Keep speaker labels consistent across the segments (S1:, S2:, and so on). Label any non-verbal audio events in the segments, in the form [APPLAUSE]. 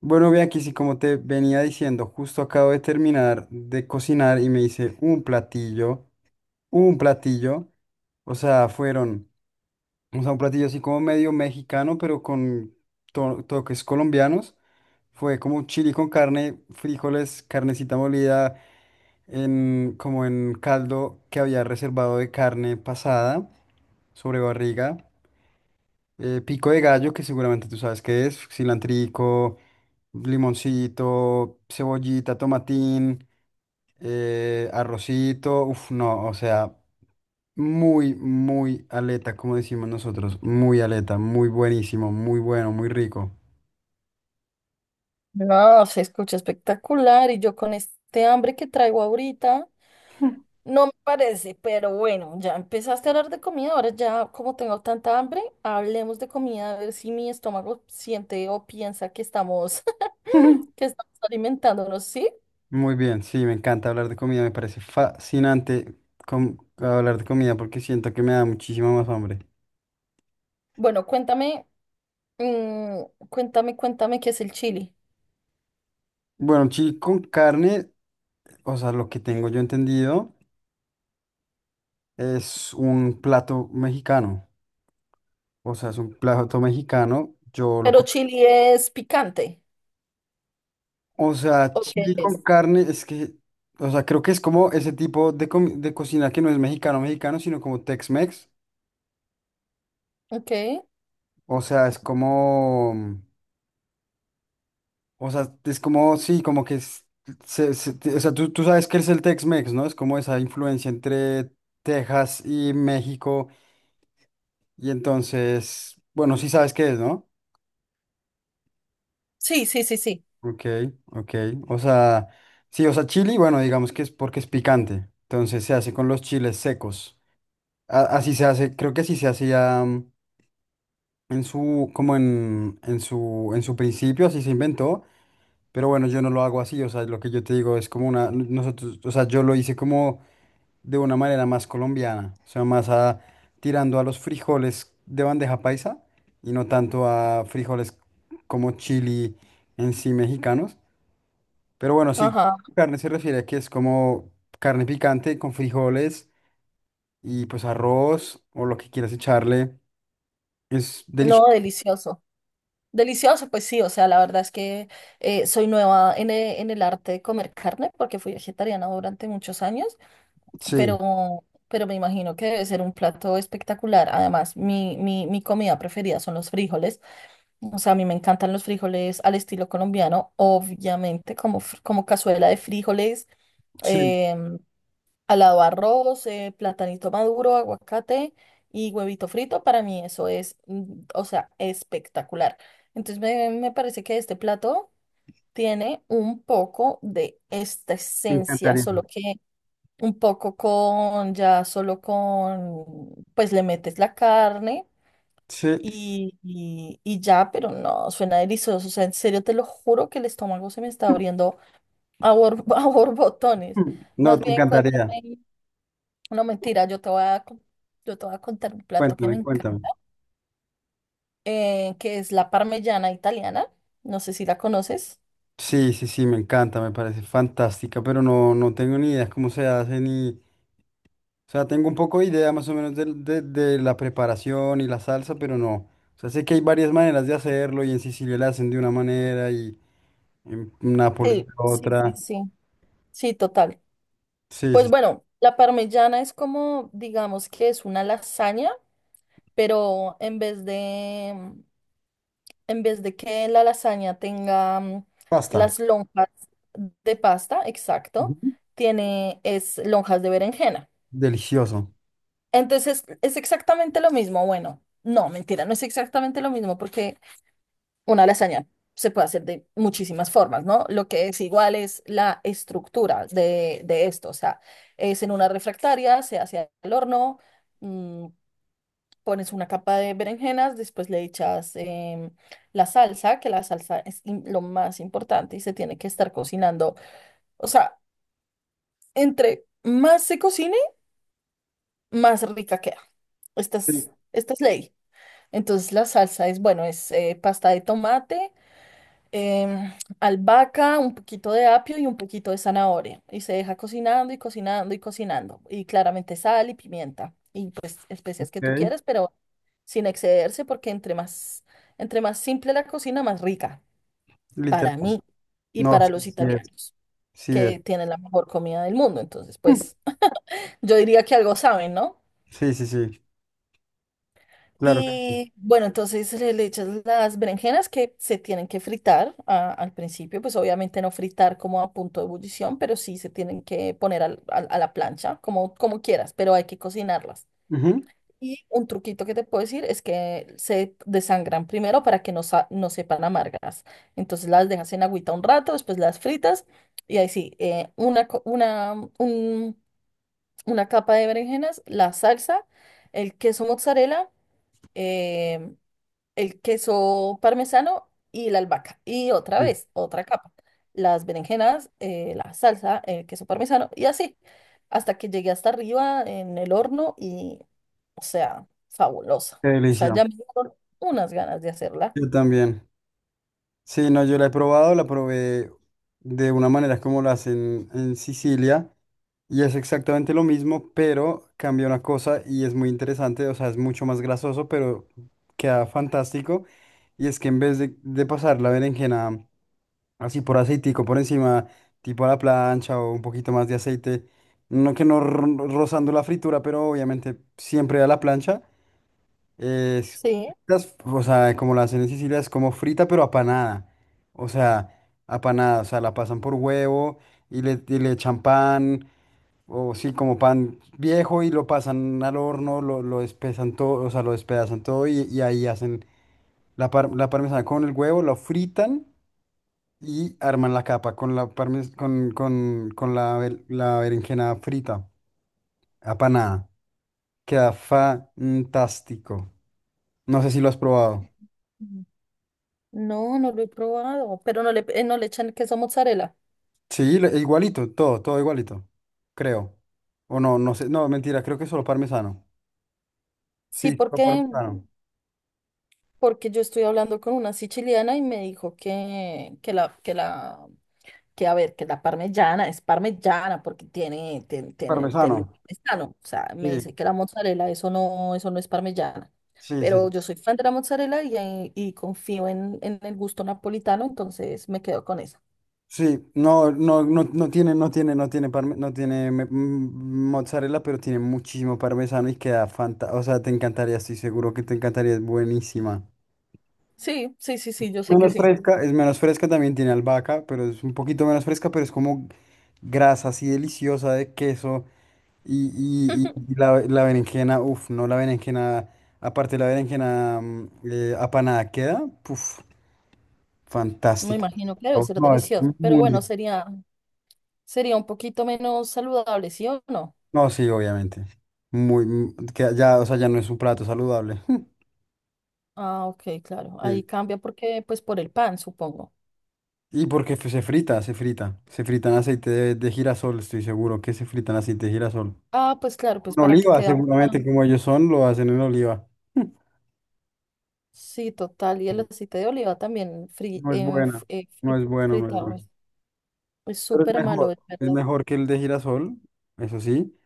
S1: Bueno, ve aquí sí, como te venía diciendo, justo acabo de terminar de cocinar y me hice un platillo, o sea, o sea, un platillo así como medio mexicano, pero con toques colombianos. Fue como un chili con carne, frijoles, carnecita molida, como en caldo que había reservado de carne pasada sobre barriga. Pico de gallo, que seguramente tú sabes qué es, cilantrico, limoncito, cebollita, tomatín, arrocito. Uf, no, o sea, muy, muy aleta, como decimos nosotros. Muy aleta, muy buenísimo, muy bueno, muy rico.
S2: No, se escucha espectacular y yo con este hambre que traigo ahorita, no me parece, pero bueno, ya empezaste a hablar de comida, ahora ya como tengo tanta hambre, hablemos de comida, a ver si mi estómago siente o piensa que estamos, [LAUGHS] que estamos alimentándonos, ¿sí?
S1: Muy bien, sí, me encanta hablar de comida, me parece fascinante hablar de comida porque siento que me da muchísima más hambre.
S2: Bueno, cuéntame, mm, cuéntame, cuéntame qué es el chili.
S1: Bueno, sí, con carne, o sea, lo que tengo yo entendido es un plato mexicano, o sea, es un plato mexicano, yo lo
S2: Pero chili es picante.
S1: O sea,
S2: ¿O qué
S1: chile con
S2: es?
S1: carne, es que, o sea, creo que es como ese tipo de, de cocina que no es mexicano, mexicano, sino como Tex-Mex.
S2: Ok.
S1: O sea, es como, o sea, es como, sí, como que es, o sea, tú sabes que es el Tex-Mex, ¿no? Es como esa influencia entre Texas y México. Y entonces, bueno, sí sabes qué es, ¿no?
S2: Sí, sí, sí, sí.
S1: Ok, ok. O sea, sí, o sea, chili, bueno, digamos que es porque es picante. Entonces se hace con los chiles secos. Así se hace, creo que así se hacía mm, en su, como en su principio, así se inventó, pero bueno, yo no lo hago así, o sea, lo que yo te digo es como una, nosotros, o sea, yo lo hice como de una manera más colombiana, o sea, más a, tirando a los frijoles de bandeja paisa y no tanto a frijoles como chili en sí mexicanos, pero bueno, sí,
S2: Ajá.
S1: carne se refiere a que es como carne picante con frijoles y pues arroz o lo que quieras echarle. Es delicioso.
S2: No, delicioso. Delicioso, pues sí, o sea, la verdad es que soy nueva en en el arte de comer carne porque fui vegetariana durante muchos años,
S1: Sí,
S2: pero me imagino que debe ser un plato espectacular. Además, mi comida preferida son los frijoles, o sea, a mí me encantan los frijoles al estilo colombiano, obviamente, como, como cazuela de frijoles.
S1: sí,
S2: em, Al lado arroz, platanito maduro, aguacate y huevito frito, para mí eso es, o sea, espectacular. Entonces me parece que este plato tiene un poco de esta
S1: te
S2: esencia,
S1: encantaría.
S2: solo que un poco con, ya solo con, pues le metes la carne
S1: Sí,
S2: y ya, pero no, suena delicioso. O sea, en serio te lo juro que el estómago se me está abriendo a, [LAUGHS] a borbotones.
S1: [CLEARS THROAT] no,
S2: Más
S1: te
S2: bien,
S1: encantaría.
S2: cuéntame. No, mentira, yo te voy a yo te voy a contar un plato que me
S1: Cuéntame, cuéntame.
S2: encanta, que es la parmellana italiana. No sé si la conoces.
S1: Sí, sí, sí, me encanta, me parece fantástica, pero no, no tengo ni idea cómo se hace ni... O sea, tengo un poco de idea más o menos de la preparación y la salsa, pero no. O sea, sé que hay varias maneras de hacerlo y en Sicilia la hacen de una manera y en Nápoles
S2: Sí,
S1: de
S2: sí, sí,
S1: otra.
S2: sí. Sí, total.
S1: Sí,
S2: Pues
S1: sí, sí.
S2: bueno, la parmellana es como, digamos que es una lasaña, pero en vez de que la lasaña tenga
S1: Pasta.
S2: las lonjas de pasta, exacto,
S1: Ujú.
S2: tiene es lonjas de berenjena.
S1: Delicioso.
S2: Entonces, es exactamente lo mismo. Bueno, no, mentira, no es exactamente lo mismo porque una lasaña se puede hacer de muchísimas formas, ¿no? Lo que es igual es la estructura de esto. O sea, es en una refractaria, se hace al horno, mm, pones una capa de berenjenas, después le echas la salsa, que la salsa es lo más importante y se tiene que estar cocinando. O sea, entre más se cocine, más rica queda. Esta es ley. Entonces la salsa es, bueno, es pasta de tomate, em, albahaca, un poquito de apio y un poquito de zanahoria. Y se deja cocinando y cocinando y cocinando. Y claramente sal y pimienta y pues especias que tú
S1: Ok.
S2: quieras, pero sin excederse porque entre más simple la cocina, más rica
S1: Literal.
S2: para mí y
S1: No,
S2: para
S1: sí,
S2: los
S1: sí es.
S2: italianos,
S1: Sí es.
S2: que tienen la mejor comida del mundo. Entonces, pues [LAUGHS] yo diría que algo saben, ¿no?
S1: Sí, sí, sí. Claro que sí.
S2: Y bueno, entonces le echas las berenjenas que se tienen que fritar al principio, pues obviamente no fritar como a punto de ebullición, pero sí se tienen que poner a la plancha, como, como quieras, pero hay que cocinarlas.
S1: Ujú.
S2: Y un truquito que te puedo decir es que se desangran primero para que no, no sepan amargas. Entonces las dejas en agüita un rato, después las fritas y ahí sí, una, co- una, un- una capa de berenjenas, la salsa, el queso mozzarella eh, el queso parmesano y la albahaca. Y otra
S1: Sí,
S2: vez, otra capa. Las berenjenas, la salsa, el queso parmesano y así. Hasta que llegué hasta arriba en el horno y, o sea, fabulosa.
S1: qué
S2: O sea,
S1: delicia.
S2: ya me dieron unas ganas de hacerla.
S1: Yo también. Sí, no, yo la he probado, la probé de una manera como la hacen en Sicilia y es exactamente lo mismo, pero cambia una cosa y es muy interesante, o sea, es mucho más grasoso, pero queda fantástico. Y es que en vez de pasar la berenjena así por aceitico por encima, tipo a la plancha o un poquito más de aceite, no que no rozando la fritura, pero obviamente siempre a la plancha. Es,
S2: Sí.
S1: o sea, como la hacen en Sicilia, es como frita, pero apanada. O sea, apanada, o sea, la pasan por huevo y le echan pan, o sí, como pan viejo y lo pasan al horno, lo despezan todo, o sea, lo despedazan todo y ahí hacen la, la parmesana con el huevo, lo fritan y arman la capa con la, parmes- con la, bel- la berenjena frita, apanada. Queda fantástico. No sé si lo has probado.
S2: Mm. No, no lo he probado, pero no le, no le echan queso mozzarella.
S1: Sí, igualito, todo, todo igualito, creo. O no, no sé, no, mentira, creo que es solo parmesano.
S2: Sí,
S1: Sí, solo
S2: porque,
S1: parmesano.
S2: porque yo estoy hablando con una siciliana y me dijo que, que la que a ver, que la parmellana es parmellana porque tiene
S1: Parmesano.
S2: el parmesano. O sea, me dice
S1: Sí,
S2: que la mozzarella, eso no es parmellana.
S1: sí, sí.
S2: Pero yo soy fan de la mozzarella y, y confío en el gusto napolitano, entonces me quedo con esa.
S1: Sí, no, no, no, no tiene mozzarella, pero tiene muchísimo parmesano y queda fantástico. O sea, te encantaría, estoy seguro que te encantaría, es buenísima.
S2: Sí, sí, sí, sí, yo sé que
S1: Menos
S2: sí.
S1: fresca, es menos fresca, también tiene albahaca, pero es un poquito menos fresca, pero es como grasa así deliciosa de queso. Y, y- y- y
S2: [LAUGHS]
S1: la, la berenjena, uff, no, la berenjena, aparte la berenjena apanada queda, uff,
S2: Me
S1: fantástica.
S2: imagino que debe
S1: Oh,
S2: ser
S1: no, es
S2: delicioso, pero
S1: muy
S2: bueno,
S1: rico.
S2: sería, sería un poquito menos saludable, ¿sí o no?
S1: No, sí, obviamente. Muy, que ya, o sea, ya no es un plato saludable. [LAUGHS]
S2: Ah, ok, claro. Ahí
S1: Sí.
S2: cambia porque, pues, por el pan, supongo.
S1: Y porque se frita en aceite de girasol, estoy seguro que se frita en aceite de girasol.
S2: Ah, pues claro, pues
S1: En
S2: para que
S1: oliva,
S2: quede.
S1: seguramente, como ellos son, lo hacen en oliva.
S2: Sí, total. Y el aceite de oliva también
S1: No es buena, no es bueno, no es
S2: fritado.
S1: bueno.
S2: Es
S1: Pero
S2: súper malo, es
S1: es
S2: verdad.
S1: mejor que el de girasol, eso sí.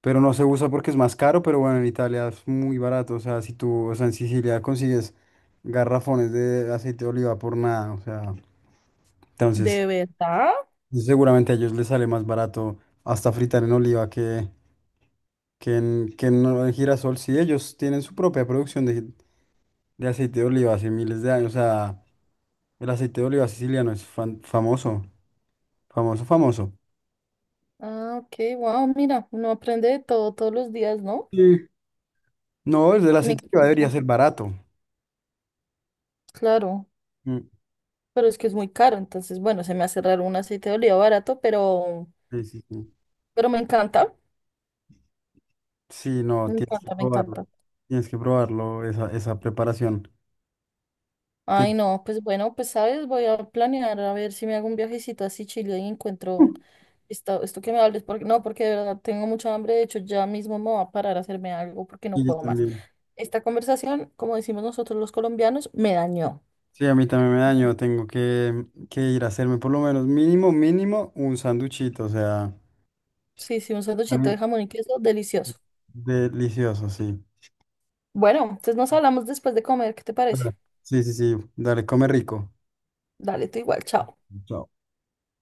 S1: Pero no se usa porque es más caro, pero bueno, en Italia es muy barato, o sea, si tú, o sea, en Sicilia consigues garrafones de aceite de oliva por nada, o sea, entonces
S2: ¿De verdad?
S1: seguramente a ellos les sale más barato hasta fritar en oliva que en en girasol, si ellos tienen su propia producción de aceite de oliva hace miles de años, o sea, el aceite de oliva siciliano es famoso, famoso, famoso.
S2: Ah, ok, wow, mira, uno aprende de todo todos los días, ¿no?
S1: Sí. No, el del
S2: Me
S1: aceite de oliva
S2: encanta.
S1: debería ser barato.
S2: Claro,
S1: Mm,
S2: pero es que es muy caro, entonces, bueno, se me hace raro un aceite de oliva barato,
S1: sí, sí, sí.
S2: pero me encanta,
S1: Sí, no,
S2: me
S1: tienes que
S2: encanta, me
S1: probarlo.
S2: encanta.
S1: Tienes que probarlo, esa preparación. Ti-
S2: Ay, no, pues bueno, pues sabes, voy a planear a ver si me hago un viajecito así Chile y encuentro
S1: [LAUGHS]
S2: esto, esto que me hables, porque no, porque de verdad tengo mucha hambre, de hecho ya mismo me voy a parar a hacerme algo porque no
S1: Y yo
S2: puedo más.
S1: también.
S2: Esta conversación, como decimos nosotros los colombianos, me dañó.
S1: Sí, a mí también me daño. Tengo que ir a hacerme por lo menos mínimo, mínimo un sanduchito. O sea,
S2: Sí, sí, un sanduchito
S1: algo
S2: de jamón y queso, delicioso.
S1: delicioso, sí.
S2: Bueno, entonces nos hablamos después de comer, ¿qué te
S1: Dale.
S2: parece?
S1: Sí, sí, sí. Dale, come rico.
S2: Dale, tú igual, chao.
S1: Chao.